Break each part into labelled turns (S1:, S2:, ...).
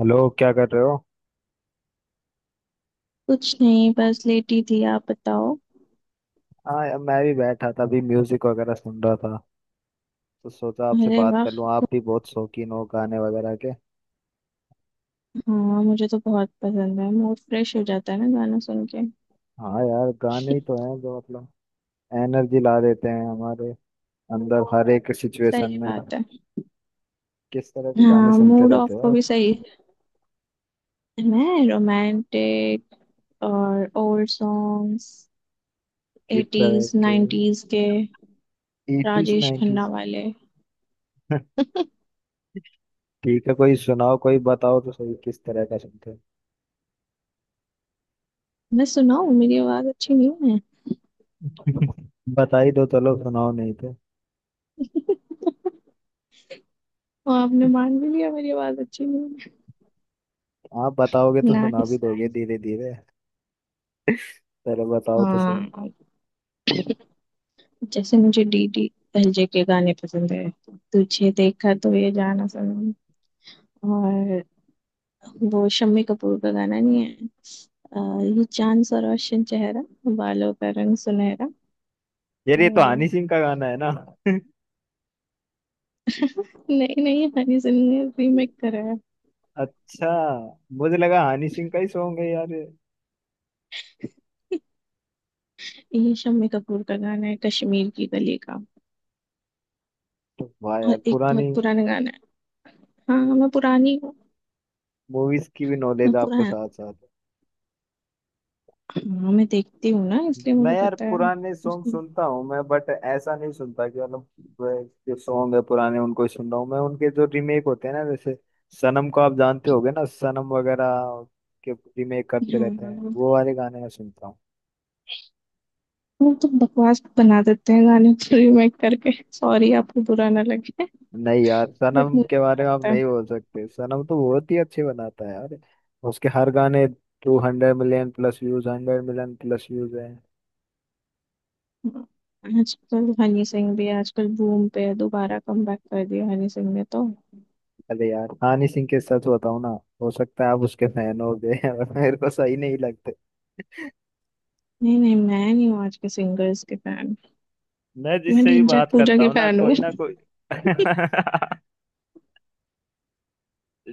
S1: Hello, क्या कर रहे हो?
S2: कुछ नहीं, बस लेटी थी। आप बताओ।
S1: हाँ यार, मैं भी बैठा था अभी म्यूजिक वगैरह सुन रहा था तो सोचा आपसे
S2: अरे
S1: बात
S2: वाह।
S1: कर लूँ। आप भी बहुत शौकीन हो गाने वगैरह के।
S2: हाँ, मुझे तो बहुत पसंद है, मूड फ्रेश हो जाता है ना गाना सुन के।
S1: हाँ यार, गाने ही तो हैं जो मतलब एनर्जी ला देते हैं हमारे अंदर हर एक सिचुएशन
S2: सही
S1: में।
S2: बात है।
S1: किस तरह के गाने
S2: हाँ,
S1: सुनते
S2: मूड
S1: रहते
S2: ऑफ
S1: हो
S2: को
S1: आप?
S2: भी सही है। मैं रोमांटिक और ओल्ड सॉन्ग्स।
S1: किस तरह
S2: एटीज
S1: के?
S2: नाइन्टीज के।
S1: Eighties
S2: Rajesh Khanna
S1: nineties?
S2: वाले।
S1: ठीक है, कोई सुनाओ कोई बताओ तो सही किस तरह का सुनते हो।
S2: मैं सुनाऊँ? मेरी आवाज अच्छी नहीं है।
S1: बता ही दो, चलो सुनाओ नहीं तो।
S2: और आपने मान भी लिया मेरी आवाज अच्छी नहीं है।
S1: आप बताओगे तो सुना भी
S2: नाइस
S1: दोगे
S2: नाइस।
S1: धीरे धीरे। चलो बताओ तो सही।
S2: हाँ, जैसे मुझे डीडी एलजे के गाने पसंद है। तुझे देखा तो ये जाना सनम। और वो शम्मी कपूर का गाना नहीं है? अ, ये चांद सा रोशन चेहरा, बालों का रंग सुनहरा।
S1: यार
S2: वो
S1: ये तो
S2: वाला।
S1: हनी सिंह का गाना है ना?
S2: नहीं नहीं, हनी सिंह ने रीमेक करा है।
S1: अच्छा। मुझे लगा हनी सिंह का ही सॉन्ग है यार ये।
S2: ये शम्मी कपूर का गाना है, कश्मीर की गली का।
S1: तो वाह
S2: और
S1: यार,
S2: एक
S1: पुरानी
S2: बहुत पुराना गाना है। हाँ, मैं पुरानी हूँ।
S1: मूवीज की भी
S2: मैं
S1: नॉलेज आपको
S2: पुराना।
S1: साथ साथ
S2: हाँ, मैं देखती हूँ ना,
S1: है।
S2: इसलिए
S1: मैं
S2: मुझे
S1: यार
S2: पता है।
S1: पुराने सॉन्ग सुनता हूँ मैं, बट ऐसा नहीं सुनता कि मतलब वह जो सॉन्ग है पुराने उनको ही सुन रहा हूँ मैं, उनके जो रीमेक होते हैं ना, जैसे सनम को आप जानते होगे ना, सनम वगैरह के रीमेक करते रहते हैं,
S2: हाँ,
S1: वो वाले गाने मैं सुनता हूँ।
S2: वो तो बकवास बना देते हैं गाने को रीमेक करके। सॉरी, आपको बुरा ना लगे,
S1: नहीं यार,
S2: बट
S1: सनम
S2: मुझे
S1: के
S2: ऐसा
S1: बारे में आप
S2: लगता है।
S1: नहीं बोल सकते, सनम तो बहुत ही अच्छे बनाता है यार उसके हर गाने। 200 million plus views, 100 million plus views है।
S2: हाँ, आजकल हनी सिंह भी आजकल बूम पे है, दोबारा कमबैक कर दिया हनी सिंह ने तो।
S1: अरे यार हनी सिंह के सच बताऊं ना, हो सकता है आप उसके फैन हो गए हैं, और मेरे को सही नहीं लगते।
S2: नहीं नहीं, मैं नहीं हूँ आज के सिंगर्स के फैन।
S1: मैं
S2: मैं
S1: जिससे भी
S2: ढिंचैक
S1: बात
S2: पूजा
S1: करता
S2: की
S1: हूँ ना
S2: फैन हूँ।
S1: कोई ना कोई।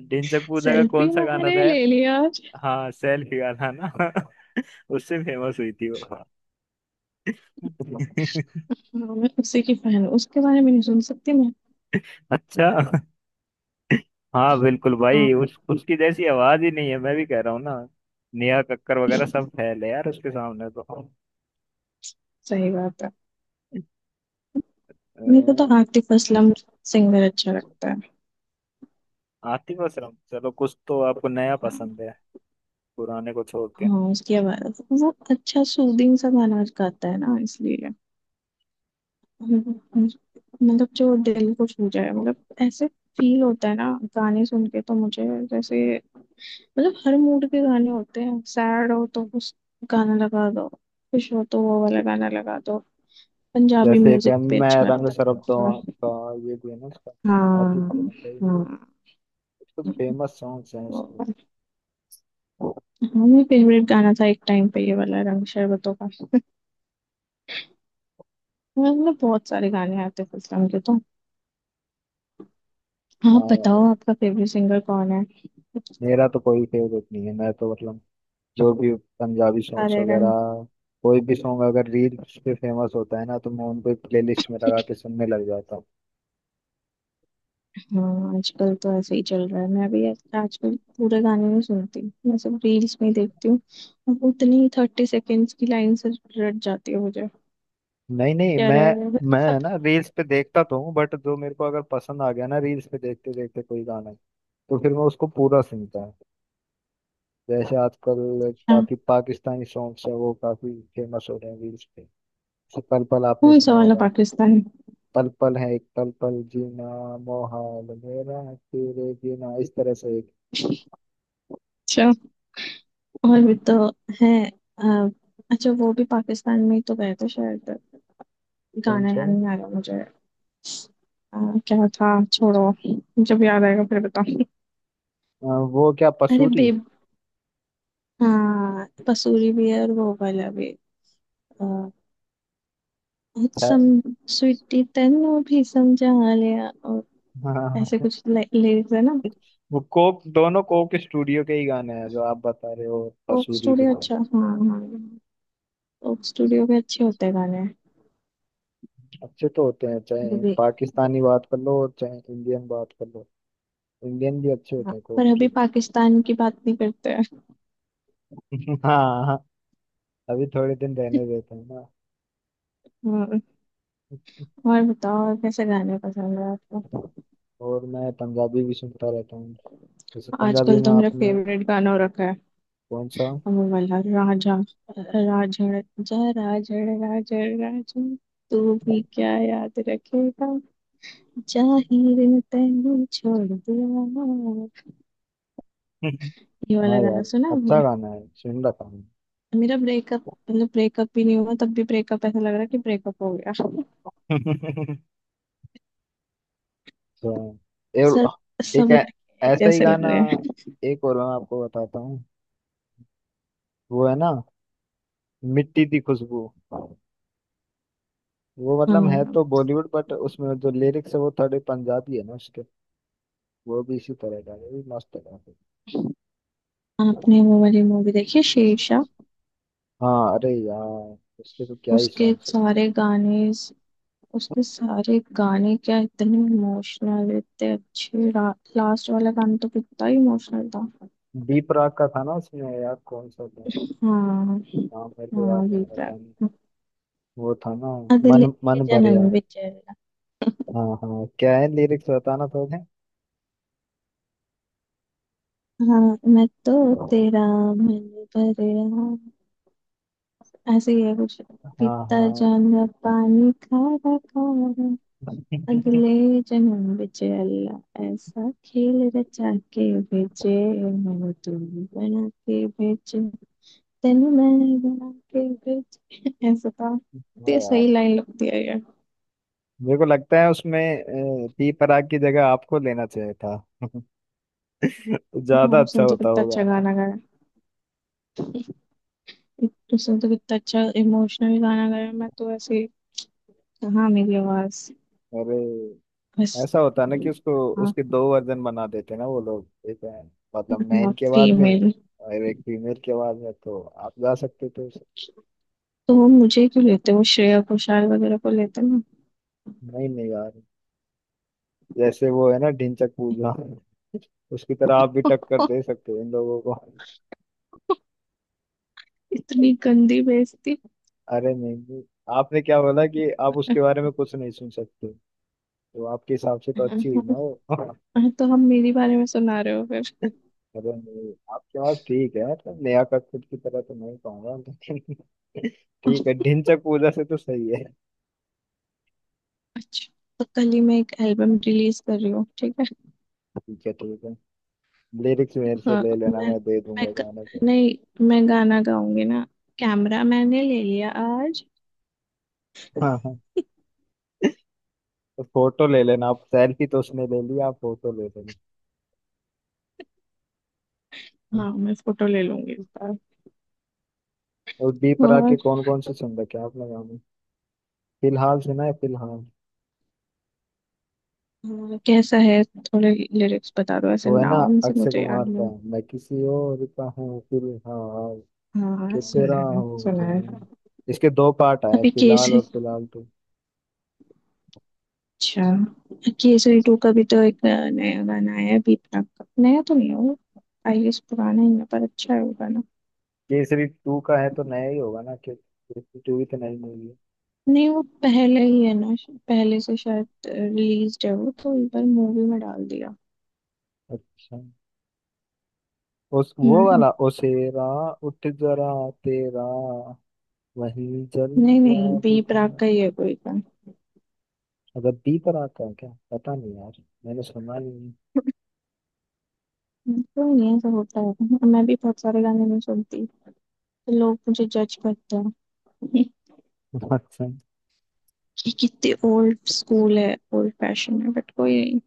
S1: ढिंचक पूजा का
S2: सेल्फी
S1: कौन सा गाना
S2: मैंने
S1: था यार?
S2: ले लिया आज।
S1: हाँ, सेल्फी गाना ना। उससे फेमस हुई थी वो।
S2: हाँ, मैं उसी की फैन हूँ, उसके बारे में नहीं सुन सकती मैं।
S1: अच्छा। हाँ बिल्कुल भाई,
S2: हाँ,
S1: उस उसकी जैसी आवाज ही नहीं है, मैं भी कह रहा हूँ ना। नेहा कक्कर वगैरह सब फैल है यार उसके सामने तो।
S2: सही बात है।
S1: अ,
S2: मेरे को तो आतिफ असलम सिंगर अच्छा लगता है।
S1: आतिफ असलम, चलो कुछ तो आपको नया
S2: हाँ।
S1: पसंद है, पुराने को छोड़ के।
S2: हाँ, उसकी आवाज, वो अच्छा सूदिंग सा गाना गाता है ना, इसलिए। मतलब जो दिल को छू जाए, मतलब ऐसे फील होता है ना गाने सुन के तो मुझे। जैसे, मतलब हर मूड के गाने होते हैं। सैड हो तो उस गाना लगा दो, खुश हो तो वो वाला गाना लगा दो। पंजाबी
S1: जैसे एक है,
S2: म्यूजिक पे
S1: मैं
S2: अच्छा
S1: रंग
S2: लगता है
S1: सरबतों
S2: थोड़ा थोड़ा।
S1: का, ये भी है ना उसका?
S2: हाँ
S1: आतिफ असलम का
S2: हाँ
S1: कुछ फेमस सॉन्ग्स हैं उसके।
S2: हाँ। हाँ, मेरा फेवरेट गाना था एक टाइम पे ये वाला, रंग शरबतों का। मतलब बहुत सारे गाने आते थे इस्लाम के तो। हाँ,
S1: हाँ यार,
S2: बताओ, आपका फेवरेट सिंगर कौन है?
S1: मेरा तो कोई फेवरेट नहीं है, मैं तो मतलब जो भी पंजाबी सॉन्ग्स
S2: सारे
S1: वगैरह,
S2: गाने।
S1: कोई भी सॉन्ग अगर रील्स पे फेमस होता है ना तो मैं उनको प्लेलिस्ट में लगा के सुनने लग जाता हूँ।
S2: हाँ, आजकल तो ऐसे ही चल रहा है। मैं भी आजकल पूरे गाने नहीं सुनती, मैं सब रील्स में ही देखती हूँ। अब उतनी 30 सेकेंड्स की लाइन से रट जाती है मुझे।
S1: नहीं नहीं,
S2: क्या
S1: मैं
S2: रह गया वैसे
S1: मैं है
S2: सब।
S1: ना रील्स पे देखता तो हूँ, बट जो मेरे को अगर पसंद आ गया ना रील्स पे देखते देखते कोई गाना, तो फिर मैं उसको पूरा सुनता हूँ। जैसे आजकल
S2: अच्छा।
S1: काफी पाकिस्तानी सॉन्ग्स है, वो काफी फेमस हो रहे हैं रील्स पे। जैसे पल पल आपने
S2: कौन सा
S1: सुना
S2: वाला
S1: होगा?
S2: पाकिस्तान?
S1: पल पल है एक, पल पल जीना मोहाल मेरा तेरे बिना, इस तरह से एक।
S2: अच्छा। और भी तो है। अ, अच्छा, वो भी पाकिस्तान में ही तो गए थे शायद।
S1: कौन
S2: गाना
S1: सा?
S2: याद नहीं आ रहा मुझे। अ, क्या था, छोड़ो। जब याद आएगा फिर बताऊँ।
S1: अ, वो क्या,
S2: अरे
S1: पसूरी?
S2: बेब। हाँ, पसूरी भी है और वो वाला भी। अ, सम स्वीटी तेनू भी समझा लिया, और
S1: हाँ
S2: ऐसे कुछ लिरिक्स है ना।
S1: वो कोक, दोनों कोक स्टूडियो के ही गाने हैं जो आप बता रहे हो,
S2: कोक
S1: पसूरी के।
S2: स्टूडियो, अच्छा, हाँ हाँ। कोक स्टूडियो के अच्छे होते हैं गाने।
S1: अच्छे तो होते हैं,
S2: वो
S1: चाहे
S2: भी।
S1: पाकिस्तानी बात कर लो चाहे इंडियन बात कर लो, इंडियन भी अच्छे
S2: हाँ,
S1: होते हैं कोक
S2: पर अभी
S1: स्टूडियो।
S2: पाकिस्तान की बात नहीं करते हैं।
S1: हाँ हाँ, अभी थोड़े दिन रहने देते हैं ना।
S2: हाँ, और बताओ, और कैसे गाने पसंद है आपको?
S1: और मैं पंजाबी भी सुनता रहता हूँ। जैसे पंजाबी
S2: आजकल
S1: में
S2: तो मेरा
S1: आपने,
S2: फेवरेट गाना हो रखा है।
S1: कौन सा?
S2: वो वाला, राजा राजड़, जा राजड़ राजड़ राजड़, तू भी क्या याद रखेगा, जाहिर ने तैनू छोड़ दिया। ये
S1: हाँ
S2: वाला गाना
S1: यार,
S2: सुना
S1: अच्छा
S2: आपने?
S1: गाना है, सुन रखा हूँ।
S2: मेरा ब्रेकअप, मतलब ब्रेकअप भी नहीं हुआ तब भी ब्रेकअप ऐसा लग रहा है कि ब्रेकअप हो गया सब।
S1: तो और
S2: सब
S1: एक
S2: लड़के एक
S1: ऐसा ही
S2: जैसे लग
S1: गाना,
S2: रहे हैं।
S1: एक और मैं आपको बताता हूँ। वो है ना, मिट्टी दी खुशबू, वो मतलब है
S2: हाँ।
S1: तो बॉलीवुड बट उसमें जो लिरिक्स है वो थोड़े पंजाबी है ना उसके। वो भी इसी तरह का है, वो भी मस्त है काफी।
S2: आपने वो वाली मूवी देखी है, शेरशाह?
S1: हाँ अरे यार, उसके तो क्या ही
S2: उसके
S1: सॉन्ग्स है।
S2: सारे गाने। उसके सारे गाने क्या इतने इमोशनल, इतने अच्छे। लास्ट वाला गाना तो कितना इमोशनल था।
S1: दीप राग का था ना उसमें यार, कौन सा था?
S2: हाँ।
S1: नाम मेरे को याद
S2: हाँ
S1: नहीं
S2: भी।
S1: रहता। नहीं, वो था ना,
S2: अगले
S1: मन मन
S2: जन्म
S1: भरिया।
S2: विच।
S1: हाँ हाँ, क्या है लिरिक्स, बताना थोड़े।
S2: हाँ, मैं तो तेरा मन भरे, ऐसे ही है कुछ।
S1: हाँ
S2: पीता
S1: हाँ।
S2: जाऊंगा पानी खारा खारा।
S1: हाँ
S2: अगले जन्म बिच अल्लाह ऐसा खेल रचा के भेजे, मैं तू बना के भेजे, तेनू मैं बना के भेजे, ऐसा था। ते
S1: यार,
S2: सही लाइन लगती है यार।
S1: मेरे को लगता है उसमें, दीप राग की जगह आपको लेना चाहिए था। ज्यादा
S2: हाँ,
S1: अच्छा
S2: सुन तो
S1: होता
S2: कितना
S1: वो
S2: अच्छा
S1: गाना।
S2: गाना गाया। तो सुन तो कितना अच्छा इमोशनल गाना गाया, मैं तो ऐसे। हाँ, मेरी आवाज,
S1: अरे,
S2: बस।
S1: ऐसा होता ना कि उसको,
S2: हाँ।
S1: उसके दो वर्जन बना देते ना वो लोग, एक है, मतलब मैन की आवाज में,
S2: फीमेल।
S1: और एक फीमेल की आवाज में, तो आप गा सकते थे उसे।
S2: तो वो मुझे क्यों लेते, वो श्रेया घोषाल वगैरह को लेते ना।
S1: नहीं नहीं गा रहे, जैसे वो है ना ढिंचक पूजा, उसकी तरह आप भी टक्कर दे सकते हो इन लोगों को।
S2: इतनी गंदी बेइज्जती।
S1: अरे नहीं नहीं, आपने क्या बोला कि आप
S2: हाँ,
S1: उसके बारे में कुछ नहीं सुन सकते, तो आपके हिसाब से तो अच्छी हुई ना वो।
S2: तो हम मेरी बारे में सुना रहे हो फिर।
S1: मतलब नहीं, आपकी आवाज ठीक है, मतलब नेहा कक्कड़ की तरह तो नहीं कहूंगा लेकिन ठीक है, ढिंचक पूजा से तो सही है।
S2: अच्छा, तो कल ही मैं एक एल्बम रिलीज कर रही हूँ, ठीक है।
S1: ठीक है ठीक है, लिरिक्स मेरे से
S2: हाँ।
S1: ले लेना,
S2: मैं
S1: मैं दे
S2: मैं
S1: दूंगा
S2: ग-
S1: गाने पे।
S2: नहीं मैं गाना गाऊंगी ना। कैमरा मैंने ले लिया आज।
S1: हाँ हाँ, तो फोटो ले लेना आप, सेल्फी तो उसने ले ली, आप फोटो ले लेना।
S2: हाँ, मैं फोटो ले लूंगी इस बार।
S1: और डी प्राक के
S2: और
S1: कौन कौन से सुन रखे हैं आपने गाने? फिलहाल सुना है फिलहाल?
S2: हाँ, कैसा है, थोड़े लिरिक्स बता दो, ऐसे
S1: वो है ना,
S2: नाम से
S1: अक्षय
S2: मुझे याद
S1: कुमार का,
S2: नहीं।
S1: मैं किसी और का हूँ फिलहाल,
S2: हाँ
S1: कि
S2: सुना
S1: तेरा
S2: है,
S1: हूँ
S2: सुना है।
S1: जान। इसके दो पार्ट आए,
S2: अभी केस।
S1: फिलहाल और फिलहाल।
S2: अच्छा, केसरी टू का भी तो एक नया गाना आया है बीपना का। नया तो नहीं है वो, आई गेस पुराना ही है, पर अच्छा है वो गाना।
S1: केसरी टू का है तो नया ही होगा ना, केसरी टू भी तो नई मूवी है।
S2: नहीं, वो पहले ही है ना, पहले से शायद रिलीज है वो, तो एक बार मूवी में डाल दिया।
S1: अच्छा। उस वो
S2: हम्म।
S1: वाला ओसेरा, उठ जरा तेरा वही
S2: नहीं
S1: जलवा
S2: नहीं, बी
S1: दिखा।
S2: प्राक का ही है कोई गाना।
S1: अच्छा, बी पर आता है क्या, पता नहीं यार, मैंने सुना ही नहीं।
S2: तो नहीं, ऐसा होता है, मैं भी बहुत सारे गाने नहीं सुनती, तो लोग मुझे जज करते हैं
S1: अच्छा।
S2: कि कितने ओल्ड स्कूल है, ओल्ड फैशन है, बट कोई नहीं।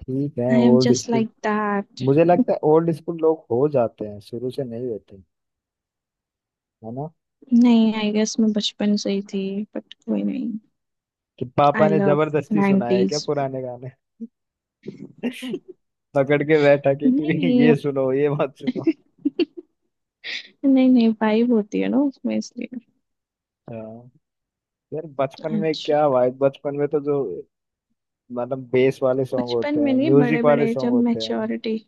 S1: ठीक है,
S2: I am
S1: old
S2: just
S1: school,
S2: like that.
S1: मुझे लगता है ओल्ड स्कूल लोग हो जाते हैं, शुरू से नहीं होते, है ना?
S2: नहीं, आई गेस मैं बचपन से ही थी, बट कोई नहीं।
S1: कि पापा
S2: आई
S1: ने
S2: लव
S1: जबरदस्ती सुनाया है क्या
S2: 90s।
S1: पुराने गाने? पकड़ के बैठा के
S2: नहीं
S1: कि
S2: नहीं।
S1: ये सुनो ये मत सुनो।
S2: नहीं नहीं, वाइब होती है ना उसमें, इसलिए।
S1: हाँ यार, बचपन में
S2: अच्छा।
S1: क्या भाई, बचपन में तो जो मतलब बेस वाले सॉन्ग
S2: बचपन
S1: होते
S2: में
S1: हैं,
S2: नहीं, बड़े
S1: म्यूजिक वाले
S2: बड़े
S1: सॉन्ग
S2: जब
S1: होते हैं।
S2: मैच्योरिटी।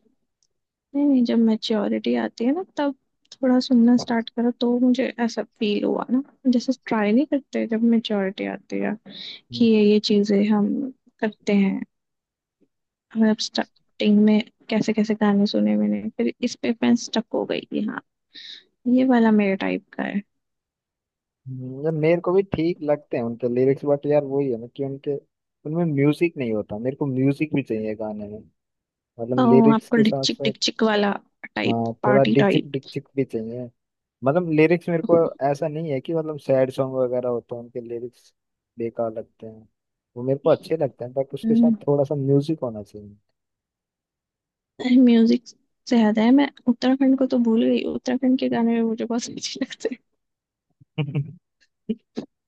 S2: नहीं नहीं, जब मैच्योरिटी आती है ना, तब थोड़ा सुनना स्टार्ट करो, तो मुझे ऐसा फील हुआ ना। जैसे ट्राई नहीं करते जब मैच्योरिटी आती है कि
S1: हम्म,
S2: ये चीजें हम करते हैं। मतलब स्टार्टिंग में कैसे कैसे गाने सुने मैंने, फिर इस पे मैं स्टक हो गई कि हाँ, ये वाला मेरे टाइप का है।
S1: यार मेरे को भी ठीक लगते हैं उनके लिरिक्स, बट यार वही है ना कि उनके उनमें म्यूजिक नहीं होता, मेरे को म्यूजिक भी चाहिए गाने में,
S2: ओ,
S1: मतलब लिरिक्स
S2: आपको
S1: के साथ
S2: डिकचिक
S1: साथ।
S2: डिकचिक वाला टाइप,
S1: हाँ थोड़ा
S2: पार्टी
S1: डिचिक
S2: टाइप।
S1: डिचिक भी चाहिए, मतलब लिरिक्स मेरे को, ऐसा नहीं है कि मतलब सैड सॉन्ग वगैरह होते हैं उनके लिरिक्स बेकार लगते हैं, वो मेरे को अच्छे लगते हैं बट उसके साथ
S2: हम्म।
S1: थोड़ा सा म्यूजिक होना चाहिए।
S2: अरे, म्यूजिक से याद है, मैं उत्तराखंड को तो भूल गई, उत्तराखंड के गाने भी मुझे बहुत अच्छे लगते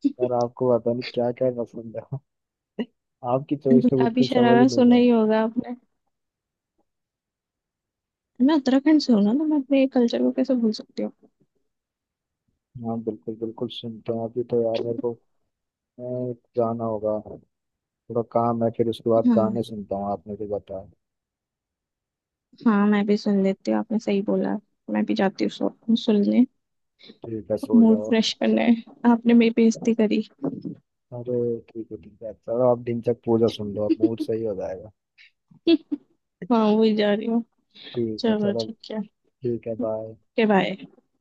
S2: हैं।
S1: और आपको पता नहीं क्या क्या पसंद है। आपकी चॉइस तो
S2: गुलाबी
S1: बिल्कुल समझ
S2: शरारा
S1: ही नहीं
S2: सुना ही
S1: जाएगी।
S2: होगा आपने। मैं उत्तराखंड से हूँ ना, तो मैं अपने कल्चर को कैसे भूल सकती हूँ।
S1: हाँ बिल्कुल बिल्कुल, सुनते हैं अभी तो, यार मेरे को जाना होगा, थोड़ा काम है, फिर उसके बाद
S2: हम्म।
S1: गाने सुनता हूँ आपने भी बताया।
S2: हाँ, मैं भी सुन लेती हूँ, आपने सही बोला। मैं भी जाती हूँ सुनने।
S1: ठीक है, सो
S2: मूड
S1: जाओ।
S2: फ्रेश करना है। आपने मेरी बेइज्जती करी।
S1: अरे ठीक है ठीक है, चलो आप दिन तक पूजा सुन लो, आप मूड सही हो जाएगा।
S2: हाँ, वही जा रही हूँ।
S1: ठीक है,
S2: चलो
S1: चलो।
S2: ठीक है।
S1: ठीक है, बाय।
S2: Okay bye.